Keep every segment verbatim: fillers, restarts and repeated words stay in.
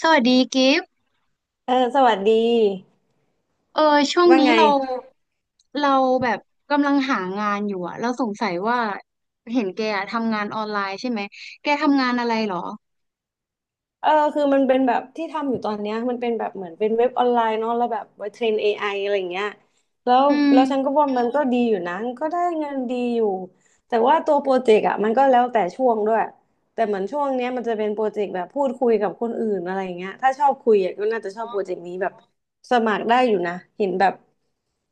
สวัสดีกิฟต์เออสวัสดีเออช่วงว่านี้ไงเราเราแบบกำลังหางานอยู่อะเราสงสัยว่าเห็นแกอะทำงานออนไลน์ใช่ไหมแกทำงานอะไรเหรอเออคือมันเป็นแบบที่ทำอยู่ตอนเนี้ยมันเป็นแบบเหมือนเป็นเว็บออนไลน์เนาะแล้วแบบไว้เทรน เอ ไอ อไออะไรอย่างเงี้ยแล้วอืมแล้วฉันก็ว่ามันก็ดีอยู่นะมันก็ได้เงินดีอยู่แต่ว่าตัวโปรเจกต์อ่ะมันก็แล้วแต่ช่วงด้วยแต่เหมือนช่วงเนี้ยมันจะเป็นโปรเจกต์แบบพูดคุยกับคนอื่นอะไรอย่างเงี้ยถ้าชอบคุยอะก็น่าจะชอบโปรเจกต์นี้แบบสมัครได้อยู่นะเห็นแบบ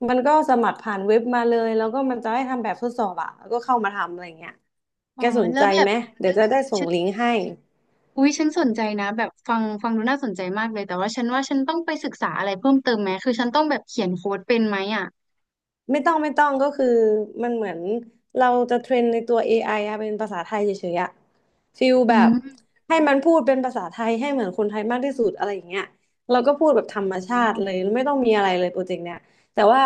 มันก็สมัครผ่านเว็บมาเลยแล้วก็มันจะให้ทำแบบทดสอบอ่ะแล้วก็เข้ามาทำอะไรอย่างเงี้ย อ๋แกอสนแล้ใจวแบไหบม เดี๋ยวจะได้ส่ฉังนลิงก์ให้ อุ๊ยฉันสนใจนะแบบฟังฟังดูน่าสนใจมากเลยแต่ว่าฉันว่าฉันต้องไปศึกษาอะไรเพิ่มเติมไหมคือฉันต้องแบบเขียนโค้ดเป็นไหมอ่ะไม่ต้องไม่ต้องก็คือมันเหมือนเราจะเทรนในตัว เอ ไอ อไออะเป็นภาษาไทยเฉยๆอะฟิลอืแบบมให้มันพูดเป็นภาษาไทยให้เหมือนคนไทยมากที่สุดอะไรอย่างเงี้ยเราก็พูดแบบธรรมชาอ๋อ ติเลยไม่ต้องมีอะไรเลยโปรเจกต์เนี้ยแต่ว่า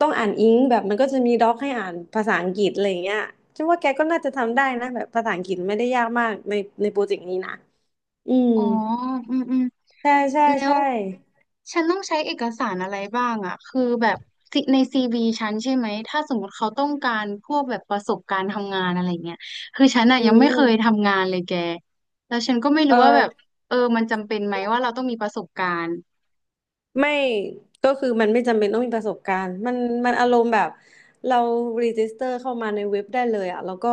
ต้องอ่านอิงแบบมันก็จะมีด็อกให้อ่านภาษาอังกฤษอะไรอย่างเงี้ยฉันว่าแกก็น่าจะทำได้นะแบบภาษาอังกฤษไม่ได้ยากมากในในโปรเจกต์นี้นะอืมอ๋ออืมอืมใช่ใช่แล้วใช่ฉันต้องใช้เอกสารอะไรบ้างอ่ะคือแบบในซีวีฉันใช่ไหม ถ้าสมมติเขาต้องการพวกแบบประสบการณ์ทำงานอะไรเงี้ยคือฉันอ่ะอืยังไม่เคยมทำงานเลยแกแล้วฉันก็ไม่เอรู้ว่าแบบอ เออมันจำเป็นไหมว่าเราต้องมีประสบการณ์ไม่ก็คือมันไม่จำเป็นต้องมีประสบการณ์มันมันอารมณ์แบบเรารีจิสเตอร์เข้ามาในเว็บได้เลยอะแล้วก็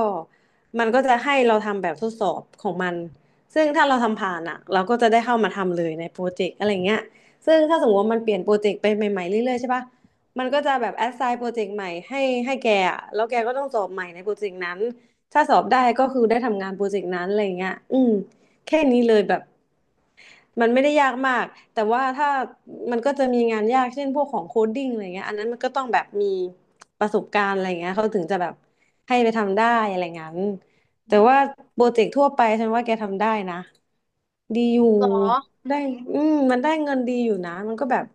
มันก็จะให้เราทำแบบทดสอบของมันซึ่งถ้าเราทำผ่านอะเราก็จะได้เข้ามาทำเลยในโปรเจกต์อะไรเงี้ยซึ่งถ้าสมมติว่ามันเปลี่ยนโปรเจกต์ไปใหม่ๆเรื่อยๆใช่ปะมันก็จะแบบแอสไซน์โปรเจกต์ใหม่ให้ให้แกอะแล้วแกก็ต้องสอบใหม่ในโปรเจกต์นั้นถ้าสอบได้ก็คือได้ทำงานโปรเจกต์นั้นอะไรเงี้ยอืมแค่นี้เลยแบบ มันไม่ได้ยากมาก แต่ว่าถ้ามันก็จะมีงานยากเช่นพวกของโคดดิ้งอะไรเงี้ยอันนั้นมันก็ต้องแบบมีประสบการณ์อะไรเงี้ยเขาถึงจะแบบให้ไปทำได้อะไรงั้นอืแต่มว่าโปรเจกต์ทั่วไปฉันว่าแกทำได้นะดีอยู่หรอ ได้ อืมมันได้เงินดีอยู่นะ มันก็แบบ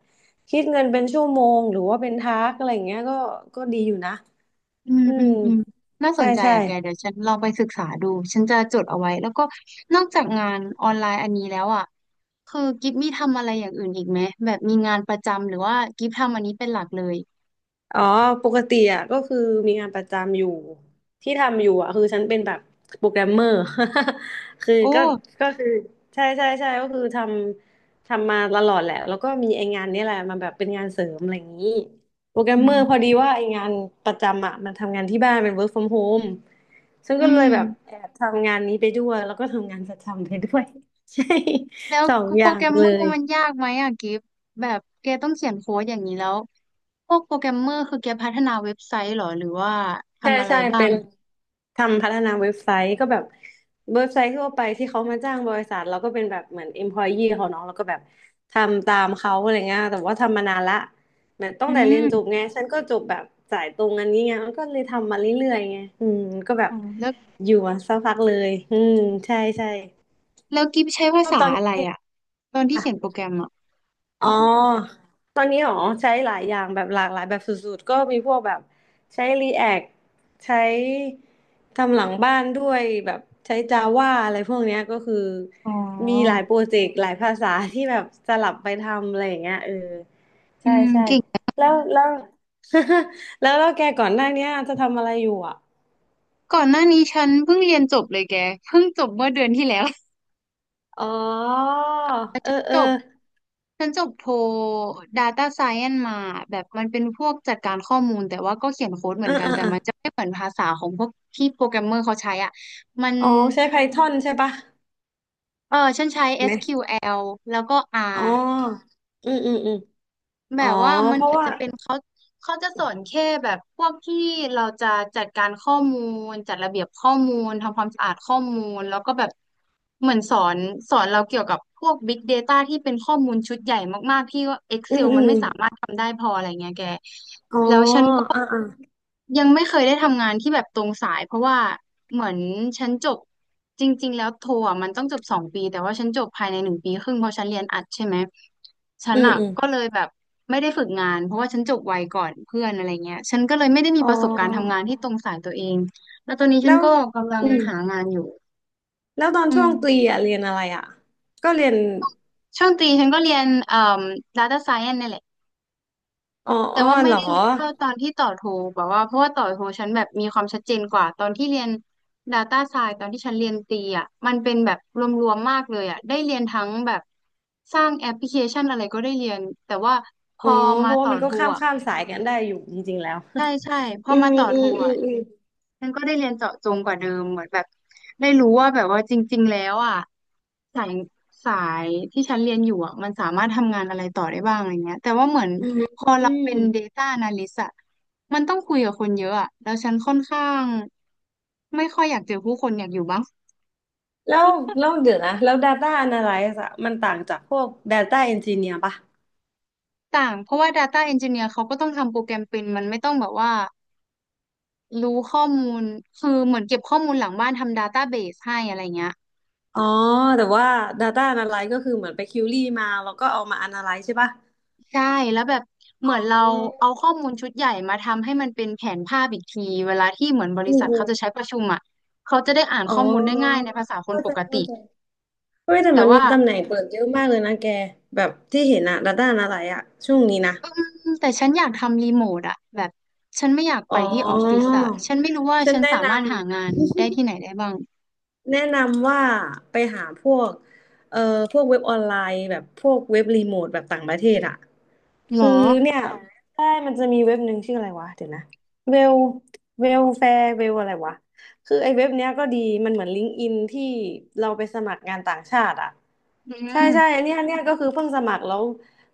คิดเงินเป็นชั่วโมงหรือว่าเป็นทาสอะไรเงี้ยก็ก็ดีอยู่นะ อืมอือืมมอืมน่าสใช่นใจใช่ อ่ะแกเดี๋ยวฉันลองไปศึกษาดูฉันจะจดเอาไว้แล้วก็นอกจากงานออนไลน์อันนี้แล้วอ่ะคือกิฟมีทำอะไรอย่างอื่นอีกไหมแบบมีงานประจำหรือว่ากิฟทำอันนี้เป็นหลักเลยอ๋อปกติอ่ะก็คือมีงานประจำอยู่ที่ทำอยู่อ่ะคือฉันเป็นแบบโปรแกรมเมอร์ คือโอ้ก็ก็คือใช่ใช่ใช่ก็คือทำทำมาตลอดแหละแล้วก็มีไอ้งานเนี้แหละมาแบบเป็นงานเสริมอะไรอย่างนี้โปรแกรมอืเมอร์พอมดีว่าไอ้งานประจำอ่ะมันทำงานที่บ้านเป็น work from home ฉันอืก็เลยมแบบแอบทำงานนี้ไปด้วยแล้วก็ทำงานประจำไปด้วย ใช่ แล้ว สองอโปย่ารแกงรมเลเมอร์ย มันยากไหมอ่ะกิฟแบบแกต้องเขียนโค้ดอย่างนี้แล้วพวกโปรแกรมเมอร์คือแกพัฒนาเว็บไซต์เหรอหรือว่าใช่ทำอะไรใช่บ้าเป็งนทำพัฒนาเว็บไซต์ก็แบบเว็บไซต์ทั่วไปที่เขามาจ้างบริษัทเราก็เป็นแบบเหมือน employee เขาเนาะเราก็แบบทำตามเขาอะไรเงี้ยแต่ว่าทำมานานละเหมือนตั้งอืแต่เรียมนจบไงฉันก็จบแบบสายตรงอันนี้ไงมันก็เลยทำมาเรื่อยๆไงอืมก็แบบอ๋อแล้วอยู่มาสักพักเลยอืมใช่ใช่แล้วกิฟใช้ภาก็ตษาอนอะไรนี้ อ่ะตอนที่เขียนโปรแกรมอ่ะอ๋อตอนนี้หรอใช้หลายอย่างแบบหลากหลายแบบสุดๆก็มีพวกแบบใช้ React ใช้ทำหลังบ้านด้วยแบบใช้ Java อะไรพวกเนี้ยก็คืออ๋อ มีหลายโปรเจกต์หลายภาษาที่แบบสลับไปทำอะไรอย่างเงี้ยเอออืใช่มใช่เก่งแล้วแล้ว แล้วแล้วแกก่อนหน้าเนี้ยจะทำอะไรอยู่อ่ะก่อนหน้านี้ฉันเพิ่งเรียนจบเลยแกเพิ่งจบเมื่อเดือนที่แล้ว อ๋อ เออฉันเออจบฉันจบโท Data Science มาแบบมันเป็นพวกจัดการข้อมูลแต่ว่าก็เขียนโค้ดเหเอมืออนกัเอนอแต่เออมันจะไม่เหมือนภาษาของพวกที่โปรแกรมเมอร์เขาใช้อ่ะมันอ๋อใช้ Python ใช่ปะเออฉันใช้ ไหม เอส คิว แอล แอลแล้วก็ R อ๋ออืมอืมอืม แบอ๋อบว่ามัเพนเหราะมือนว่าจะเป็นเขาเขาจะสอนแค่แบบพวกที่เราจะจัดการข้อมูลจัดระเบียบข้อมูลทำความสะอาดข้อมูลแล้วก็แบบเหมือนสอนสอนเราเกี่ยวกับพวก Big Data ที่เป็นข้อมูลชุดใหญ่มากๆที่ว่า อืม Excel อืมันมไม่สามารถทำได้พออะไรเงี้ยแก อ๋ออ่าอ่ายังไม่เคยได้ทำงานที่แบบตรงสายเพราะว่าเหมือนฉันจบจริงๆแล้วโทอ่ะมันต้องจบสองปีแต่ว่าฉันจบภายในหนึ่งปีครึ่งเพราะฉันเรียนอัดใช่ไหมฉัอืนมอ่ะอืมก็เลยแบบไม่ได้ฝึกงานเพราะว่าฉันจบไวก่อนเพื่อนอะไรเงี้ยฉันก็เลยไม่ได้มีอ๋อประสบการณ์ทำงานที่ตรงสายตัวเองแล้วตอนนี้ฉัแล้นวก็กำลังอืมหางานอยู่แล้วตอนอืช่วมงตรีอ่ะเรียนอะไรอ่ะก็เรียนช่วงตรีฉันก็เรียนเอ่อ data science นี่แหละ อ๋อแต่อ๋อว่าเหไม่รอได้ลึกเท่าตอนที่ต่อโทแบบว่าเพราะว่าต่อโทฉันแบบมีความชัดเจนกว่าตอนที่เรียน Data Science ตอนที่ฉันเรียนตรีอ่ะมันเป็นแบบรวมๆมากเลยอ่ะได้เรียนทั้งแบบสร้างแอปพลิเคชันอะไรก็ได้เรียนแต่ว่าพอ๋ออเพมาราะว่าต่อมันก็โทข้ามอ่ะข้ามสายกันได้อยู่จริงๆแล้ว ใช่ใช่พ ออืมามต่ออืโทมอืมอ่ะ อืมมันก็ได้เรียนเจาะจงกว่าเดิมเหมือนแบบได้รู้ว่าแบบว่าจริงๆแล้วอ่ะสายสายที่ฉันเรียนอยู่อ่ะมันสามารถทำงานอะไรต่อได้บ้างอะไรเงี้ยแต่ว่าเหมือนอืมพออืเรามเป็น Data Analyst อ่ะมันต้องคุยกับคนเยอะอ่ะแล้วฉันค่อนข้างไม่ค่อยอยากเจอผู้คนอยากอยู่บ้างแล้วแล้วเดี๋ยวนะแล้ว Data Analysis อะมันต่างจากพวก Data Engineer ป่ะต่างเพราะว่า Data Engineer เขาก็ต้องทำโปรแกรมเป็นมันไม่ต้องแบบว่ารู้ข้อมูลคือเหมือนเก็บข้อมูลหลังบ้านทำ Database ให้อะไรเงี้ย อ๋อแต่ว่า Data Analysis ก็คือเหมือนไปคิวรี่มาแล้วก็เอามา Analyze ใช่ป่ะใช่แล้วแบบเหอ๋มือนอเราเอาข้อมูลชุดใหญ่มาทำให้มันเป็นแผนภาพอีกทีเวลาที่เหมือนบอืริษัทเขาจะใช้ม ประชุมอ่ะเขาจะได้อ่านอ๋ข้อมูลได้ง่ายอในภาษาคนเข้าปใจกเข้าติใจเฮ้ยแต่แต่มันมีว่าตำแหน่งเปิดเยอะมากเลยนะแกแบบที่เห็นอะระด้านอะไรอะช่วงนี้นะอืมแต่ฉันอยากทำรีโมทอ่ะแบบฉันไม่อยากอ๋ไปที่ออฟฟิศออ่ะฉันไม่รู้ว่าฉันฉันแนะสานมารถหางาำ นได้ที่ไหนได้บ้างแนะนำว่าไปหาพวกเอ่อพวกเว็บออนไลน์แบบพวกเว็บรีโมทแบบต่างประเทศอ่ะหรอคือเนี่ยใช่มันจะมีเว็บหนึ่งชื่ออะไรวะเดี๋ยวนะเวลเวลแฟร์เวลอะไรวะคือไอ้เว็บเนี้ยก็ดีมันเหมือนลิงก์อินที่เราไปสมัครงานต่างชาติอ่ะอืใช่มใช่อันเนี้ยอันเนี้ยก็คือเพิ่งสมัครแล้ว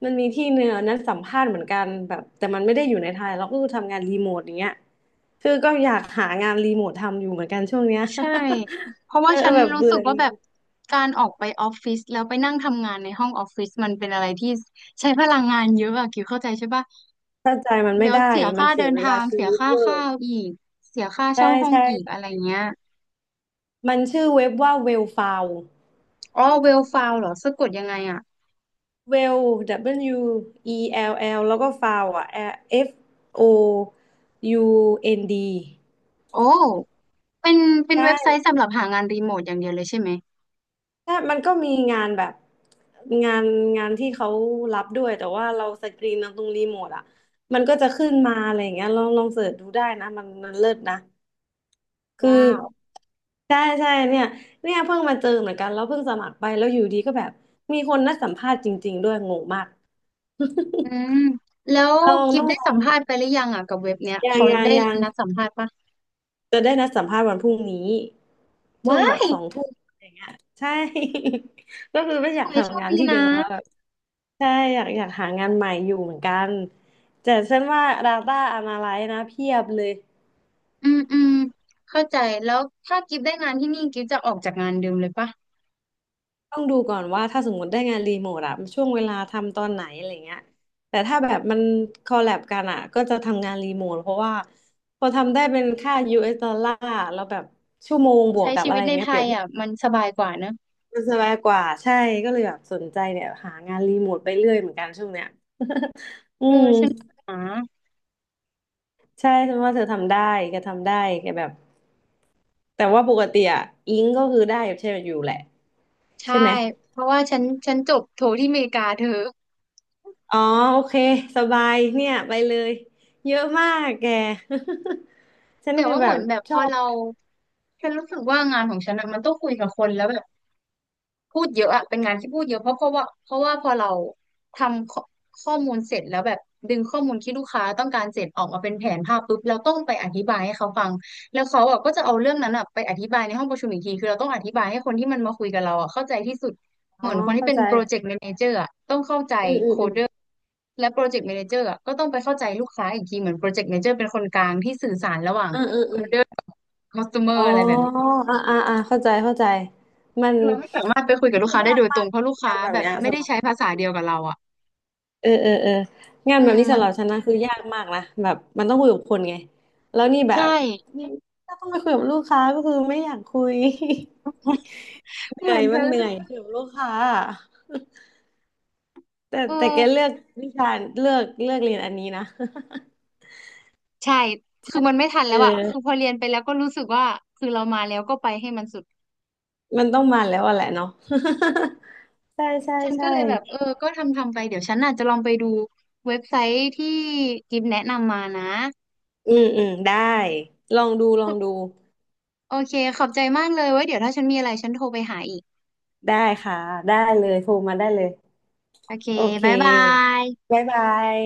มันมีที่เนื้อนนั้นสัมภาษณ์เหมือนกันแบบแต่มันไม่ได้อยู่ในไทยเราก็คือทำงานรีโมทอย่างเงี้ยคือก็อยากหางานรีโมททำอยู่เหมือนกันช่วงเนี้ย ใช่เพราะเอว่าอฉันแบบรู้เบื่สึอกว่าแบงานบการออกไปออฟฟิศแล้วไปนั่งทำงานในห้องออฟฟิศมันเป็นอะไรที่ใช้พลังงานเยอะอะคิวเข้าใจใช่ปะ ถ้าใจมันไม่แล้วได้ เสียมันค่าเสียเดินเวลาทางชีเสียวิตค่าเวอข้าร์วอีกเสียค่าใช่เช่าห้องใช่อีกอะไรใช่ เงี้ยมันชื่อเว็บว่า Well f u n d อ๋อเวลฟาวเหรอสะกดยังไงอ่ะ Well W E L L แล้วก็ File อ่ะ F O U N D โอ้เป็นเป็นเว็บไซใช่ต์สำหรับหางานรีโมทอย่างเดียวเลยใช่ไหมใช่มันก็มีงานแบบงานงานที่เขารับด้วยแต่ว่าเราสกรีนเอาตรงรีโมทอ่ะมันก็จะขึ้นมาอะไรอย่างเงี้ยลองลองเสิร์ชดูได้นะมันมันเลิศนะ คือว้าวใช่ใช่เนี่ยเนี่ยเพิ่งมาเจอเหมือนกันแล้วเพิ่งสมัครไปแล้วอยู่ดีก็แบบมีคนนัดสัมภาษณ์จริงๆด้วยงงมาก อืมแล้ว ลองกิต้ฟองได้ลอสัมงภาษณ์ไปหรือยังอ่ะกับเว็บเนี้ยยังเขายังได้ยังนัดสัมภาษณ์ปะจะได้นัดสัมภาษณ์วันพรุ่งนี้ช่วงว้าแบบยสองทุ่มอะไรเงี้ยใช่ ก็คือไม่อขยากอให้โชทำคงานดีที่เดินะมแล้วแบบใช่อยากอยากหางานใหม่อยู่เหมือนกันแต่ฉันว่า Data Analyst นะเพียบเลย อืมอืมเข้าใจแล้วถ้ากิฟได้งานที่นี่กิฟจะออกจากงานเดิมเลยปะต้องดูก่อนว่าถ้าสมมติได้งานรีโมทอะช่วงเวลาทำตอนไหนอะไรเงี้ยแต่ถ้าแบบมันคอลแลบกันอะก็จะทำงานรีโมทเพราะว่าพอทำได้เป็นค่า ยู เอส ดอลลาร์แล้วแบบชั่วโมงบวกใช้กับชีอะไรวิตในเงี้ยไทเปรียบยเทียอ่ะบมันสบายกว่าเนอะมันสบายกว่าใช่ก็เลยแบบสนใจเนี่ยหางานรีโมทไปเรื่อยเหมือนกันช่วงเนี้ย อืเออมฉันก็หา ใช่ฉันว่าเธอทำได้แกทำได้แกแบบแต่ว่าปกติอะอิงก็คือได้อยู่ใช่อยู่แหละใช่ใช่ไหม เพราะว่าฉันฉันจบโทที่อเมริกาเธออ๋อโอเคสบายเนี่ยไปเลยเยอะมากแก ฉันแต่คือว่าแบเหมืบอนแบบชพออบเราฉันรู้สึกว่างานของฉันอะมันต้องคุยกับคนแล้วแบบพูดเยอะอะเป็นงานที่พูดเยอะเพราะเพราะว่าเพราะว่าพอเราทำข้อข้อมูลเสร็จแล้วแบบดึงข้อมูลที่ลูกค้าต้องการเสร็จออกมาเป็นแผนภาพปุ๊บเราต้องไปอธิบายให้เขาฟังแล้วเขาอะก็จะเอาเรื่องนั้นอะไปอธิบายในห้องประชุมอีกทีคือเราต้องอธิบายให้คนที่มันมาคุยกับเราอะเข้าใจที่สุดอ๋เหอมือนคนที่เข้าเป็นใจโปรเจกต์แมเนเจอร์ อืมอืมอืมและโปรเจกต์ a ม a นเจอร์ก็ต้องไปเข้าใจลูกค้าอีกทีเหมือนโปรเจกต์ a ม a นเจอร์เป็นคนกลางที่สื่อสารระหว่างอืมอืมโคอมเดอร์คอสเตออ๋อร์อะไรแบบนี้อ่าอ่าอ่าเข้าใจเข้าใจมันคือเราไม่สามารถไปคุยกับลูกยุ่งค้าได้ยากโดยมาตรกงเพราะลูกงาค้านแบบแบบเนี้ยไม่สำหได้รับใช้ภาษาเดียวกับเราอ่ะเออเออเอองานอืแบบมนี้มัสำหนรับฉันนะคือยากมากนะแบบมันต้องคุยกับคนไงแล้วนี่แบใช่บนี่ถ้าต้องไปคุยกับลูกค้าก็คือไม่อยากคุย เหเหมืนื่ออยนเธมันอเหเลนื่อยคุยยกับลูกค้า แต่เออแต่แกเลือกวิชาเลือกเลือกเรียนอันนี้นะ ใช่คือมันไม่ทันเแล้วอะคือออพอเรียนไปแล้วก็รู้สึกว่าคือเรามาแล้วก็ไปให้มันสุดมันต้องมาแล้วอะแหละเนาะ ใช่ใช่ฉันใช่ก็เลยแบบเออก็ทำทำไปเดี๋ยวฉันอาจจะลองไปดูเว็บไซต์ที่กิฟแนะนำมานะอืมอืมได้ลองดูลองดูโอเคขอบใจมากเลยไว้เดี๋ยวถ้าฉันมีอะไรฉันโทรไปหาอีก ได้ค่ะได้เลยโทรมาได้เลยโอเคโอเคบ๊ายบายบ๊ายบาย